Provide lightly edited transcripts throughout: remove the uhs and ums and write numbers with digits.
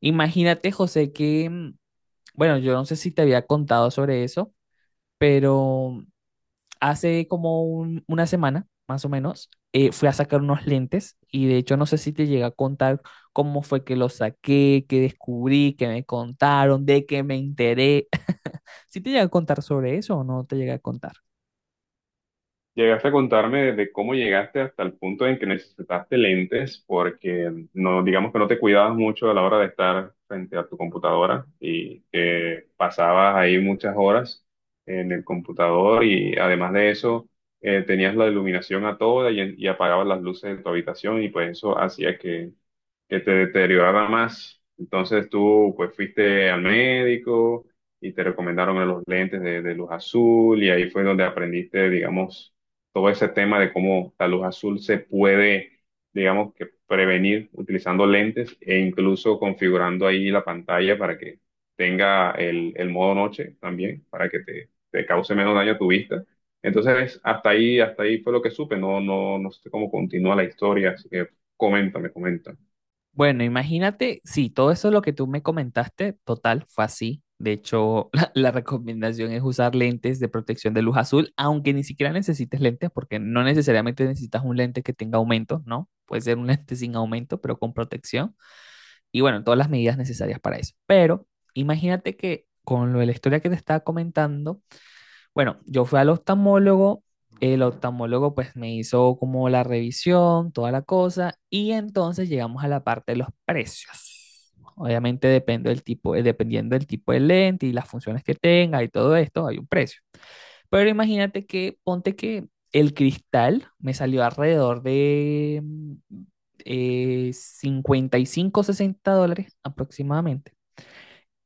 Imagínate, José, que bueno, yo no sé si te había contado sobre eso, pero hace como una semana, más o menos, fui a sacar unos lentes y de hecho no sé si te llegué a contar cómo fue que los saqué, qué descubrí, qué me contaron, de qué me enteré. ¿Sí te llegué a contar sobre eso o no te llegué a contar? Llegaste a contarme de cómo llegaste hasta el punto en que necesitaste lentes porque no, digamos que no te cuidabas mucho a la hora de estar frente a tu computadora y que pasabas ahí muchas horas en el computador y además de eso tenías la iluminación a toda y apagabas las luces de tu habitación y pues eso hacía que te deteriorara más. Entonces tú pues fuiste al médico y te recomendaron los lentes de luz azul y ahí fue donde aprendiste, digamos, todo ese tema de cómo la luz azul se puede, digamos, que prevenir utilizando lentes e incluso configurando ahí la pantalla para que tenga el modo noche también, para que te cause menos daño a tu vista. Entonces, hasta ahí fue lo que supe, no, no, no sé cómo continúa la historia, así que coméntame, coméntame. Bueno, imagínate, sí, todo eso lo que tú me comentaste, total, fue así. De hecho, la recomendación es usar lentes de protección de luz azul, aunque ni siquiera necesites lentes, porque no necesariamente necesitas un lente que tenga aumento, ¿no? Puede ser un lente sin aumento, pero con protección. Y bueno, todas las medidas necesarias para eso. Pero imagínate que con lo de la historia que te estaba comentando, bueno, yo fui al oftalmólogo, el oftalmólogo pues me hizo como la revisión, toda la cosa, y entonces llegamos a la parte de los precios. Obviamente depende del tipo, dependiendo del tipo de lente y las funciones que tenga y todo esto, hay un precio. Pero imagínate que, ponte que el cristal me salió alrededor de 55 o 60 dólares aproximadamente.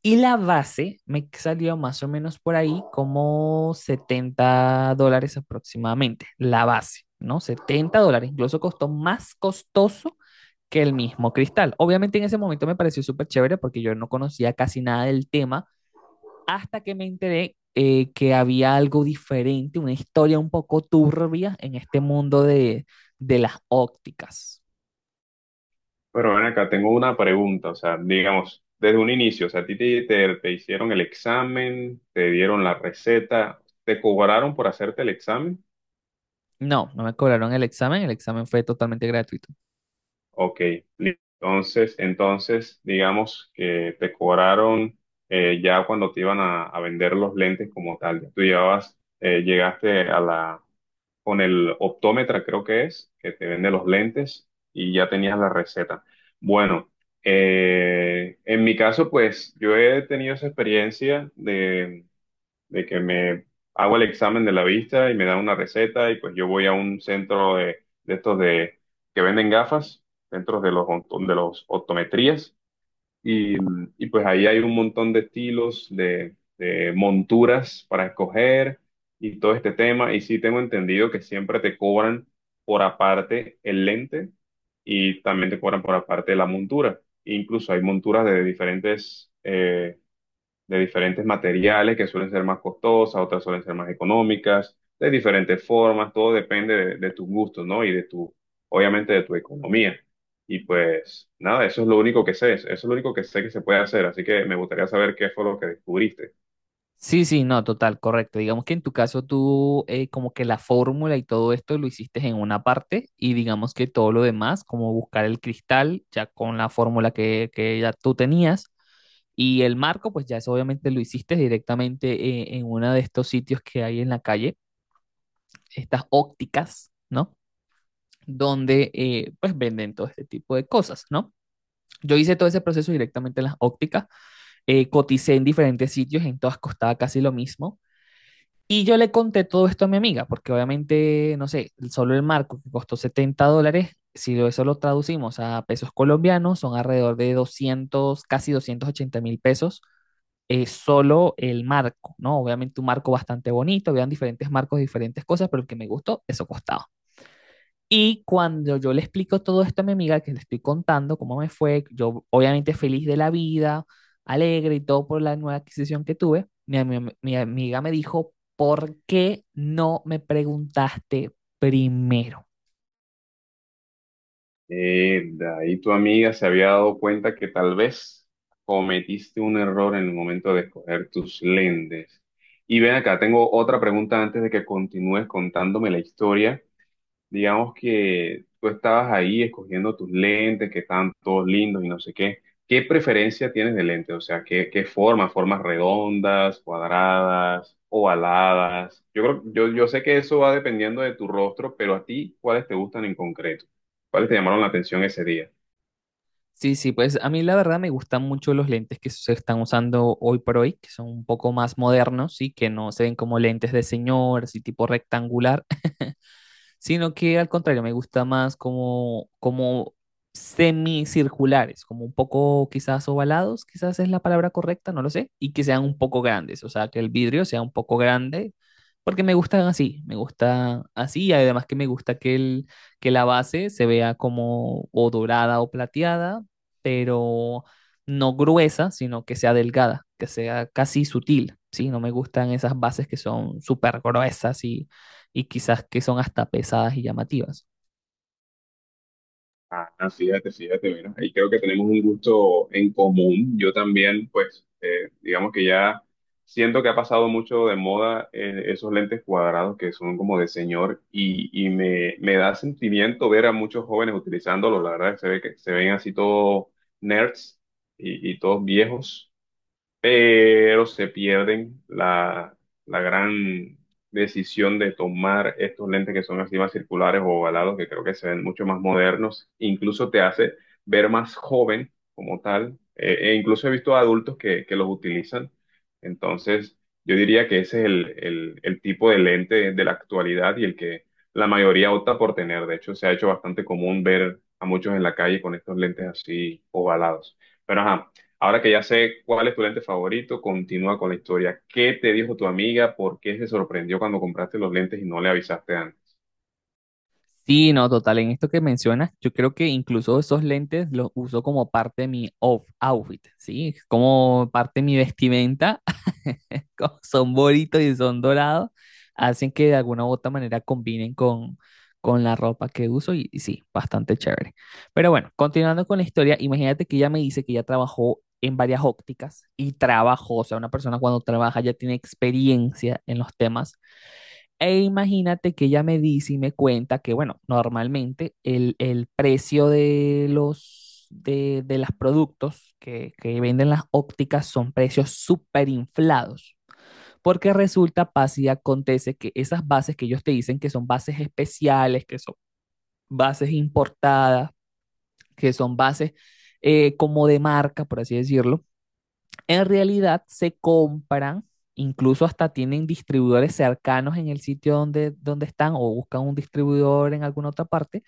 Y la base me salió más o menos por ahí como 70 dólares aproximadamente, la base, ¿no? 70 dólares, incluso costó más costoso que el mismo cristal. Obviamente en ese momento me pareció súper chévere porque yo no conocía casi nada del tema hasta que me enteré que había algo diferente, una historia un poco turbia en este mundo de las ópticas. Pero ven acá, tengo una pregunta, o sea, digamos, desde un inicio, o sea, a ti te hicieron el examen, te dieron la receta, ¿te cobraron por hacerte el examen? No, no me cobraron el examen fue totalmente gratuito. Ok, li- entonces, entonces, digamos que te cobraron ya cuando te iban a vender los lentes como tal, tú llevabas, llegaste a la, con el optómetra, creo que es, que te vende los lentes y ya tenías la receta. Bueno, en mi caso, pues yo he tenido esa experiencia de que me hago el examen de la vista y me dan una receta y pues yo voy a un centro de estos de, que venden gafas, centros de los, onto- de los optometrías y, y pues ahí hay un montón de estilos, de monturas para escoger y todo este tema. Y sí tengo entendido que siempre te cobran por aparte el lente y también te cobran por aparte la montura. Incluso hay monturas de diferentes materiales que suelen ser más costosas, otras suelen ser más económicas, de diferentes formas, todo depende de tus gustos, ¿no? Y de tu, obviamente, de tu economía. Y pues nada, eso es lo único que sé, eso es lo único que sé que se puede hacer, así que me gustaría saber qué fue lo que descubriste. Sí, sí, no, total, correcto. Digamos que en tu caso tú como que la fórmula y todo esto lo hiciste en una parte y digamos que todo lo demás, como buscar el cristal ya con la fórmula que ya tú tenías y el marco, pues ya eso obviamente lo hiciste directamente en uno de estos sitios que hay en la calle, estas ópticas, ¿no? Donde pues venden todo este tipo de cosas, ¿no? Yo hice todo ese proceso directamente en las ópticas, coticé en diferentes sitios, en todas costaba casi lo mismo. Y yo le conté todo esto a mi amiga, porque obviamente, no sé, solo el marco que costó 70 dólares, si lo- eso lo traducimos a pesos colombianos, son alrededor de 200 casi 280.000 pesos, solo el marco, ¿no? Obviamente un marco bastante bonito, habían diferentes marcos, diferentes cosas, pero el que me gustó, eso costaba. Y cuando yo le explico todo esto a mi amiga, que le estoy contando cómo me fue, yo obviamente feliz de la vida, alegre y todo por la nueva adquisición que tuve, mi amiga me dijo, ¿por qué no me preguntaste primero? De ahí tu amiga se había dado cuenta que tal vez cometiste un error en el momento de escoger tus lentes. Y ven acá, tengo otra pregunta antes de que continúes contándome la historia. Digamos que tú estabas ahí escogiendo tus lentes, que están todos lindos y no sé qué. ¿Qué preferencia tienes de lente? O sea, ¿qué, qué forma? ¿Formas redondas, cuadradas, ovaladas? Yo creo, yo sé que eso va dependiendo de tu rostro, pero a ti, ¿cuáles te gustan en concreto? ¿Cuáles te llamaron la atención ese día? Sí, sí, pues a mí la verdad me gustan mucho los lentes que se están usando hoy por hoy, que son un poco más modernos y que no se ven como lentes de señor, así tipo rectangular, sino que al contrario, me gusta más como, como semicirculares, como un poco quizás ovalados, quizás es la palabra correcta, no lo sé, y que sean un poco grandes, o sea, que el vidrio sea un poco grande, porque me gustan así, me gusta así, y además que me gusta que, el, que la base se vea como o dorada o plateada, pero no gruesa, sino que sea delgada, que sea casi sutil, ¿sí? No me gustan esas bases que son súper gruesas y quizás que son hasta pesadas y llamativas. Ah, no, fíjate, fíjate, mira, ahí creo que tenemos un gusto en común. Yo también, pues, digamos que ya siento que ha pasado mucho de moda esos lentes cuadrados que son como de señor y me da sentimiento ver a muchos jóvenes utilizándolos. La verdad, que se ve que se ven así todos nerds y todos viejos, pero se pierden la, la gran decisión de tomar estos lentes que son así más circulares o ovalados, que creo que se ven mucho más modernos, incluso te hace ver más joven como tal, e incluso he visto adultos que los utilizan, entonces yo diría que ese es el tipo de lente de la actualidad y el que la mayoría opta por tener. De hecho se ha hecho bastante común ver a muchos en la calle con estos lentes así ovalados. Pero ajá, ahora que ya sé cuál es tu lente favorito, continúa con la historia. ¿Qué te dijo tu amiga? ¿Por qué se sorprendió cuando compraste los lentes y no le avisaste antes? Sí, no, total, en esto que mencionas, yo creo que incluso esos lentes los uso como parte de mi outfit, ¿sí? Como parte de mi vestimenta, como son bonitos y son dorados, hacen que de alguna u otra manera combinen con la ropa que uso y sí, bastante chévere. Pero bueno, continuando con la historia, imagínate que ella me dice que ya trabajó en varias ópticas y trabajó, o sea, una persona cuando trabaja ya tiene experiencia en los temas. E imagínate que ella me dice y me cuenta que, bueno, normalmente el precio de los productos que venden las ópticas son precios súper inflados, porque resulta, pasa y acontece que esas bases que ellos te dicen que son bases especiales, que son bases importadas, que son bases como de marca, por así decirlo, en realidad se compran, incluso hasta tienen distribuidores cercanos en el sitio donde están o buscan un distribuidor en alguna otra parte,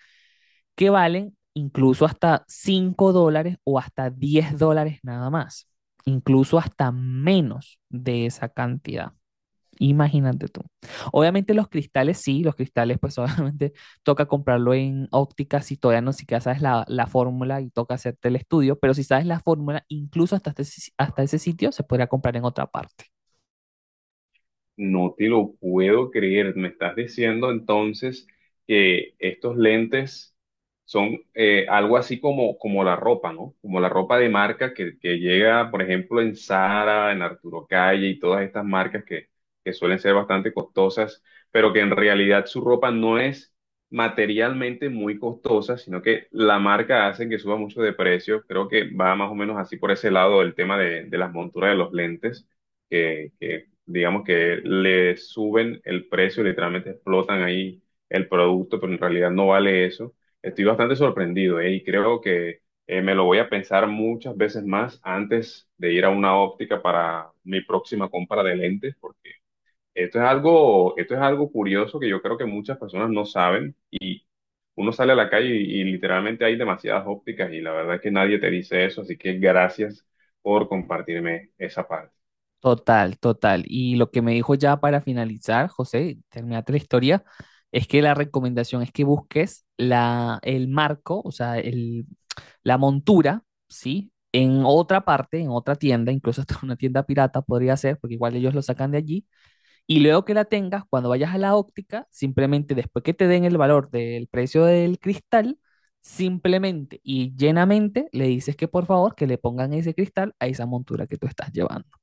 que valen incluso hasta 5 dólares o hasta 10 dólares nada más, incluso hasta menos de esa cantidad. Imagínate tú. Obviamente los cristales, sí, los cristales, pues obviamente toca comprarlo en óptica si todavía no siquiera sabes la fórmula y toca hacerte el estudio, pero si sabes la fórmula, incluso hasta, este si- hasta ese sitio se podría comprar en otra parte. No te lo puedo creer. Me estás diciendo entonces que estos lentes son algo así como, como la ropa, ¿no? Como la ropa de marca que llega, por ejemplo, en Zara, en Arturo Calle y todas estas marcas que suelen ser bastante costosas, pero que en realidad su ropa no es materialmente muy costosa, sino que la marca hace que suba mucho de precio. Creo que va más o menos así por ese lado el tema de las monturas de los lentes que digamos que le suben el precio, literalmente explotan ahí el producto, pero en realidad no vale eso. Estoy bastante sorprendido, ¿eh? Y creo que me lo voy a pensar muchas veces más antes de ir a una óptica para mi próxima compra de lentes, porque esto es algo curioso que yo creo que muchas personas no saben. Uno sale a la calle y literalmente hay demasiadas ópticas y la verdad es que nadie te dice eso, así que gracias por compartirme esa parte. Total, total. Y lo que me dijo ya para finalizar, José, terminate la historia, es que la recomendación es que busques la, el marco, o sea, el, la montura, ¿sí? En otra parte, en otra tienda, incluso hasta una tienda pirata podría ser, porque igual ellos lo sacan de allí, y luego que la tengas, cuando vayas a la óptica, simplemente después que te den el valor del precio del cristal, simplemente y llenamente le dices que por favor que le pongan ese cristal a esa montura que tú estás llevando.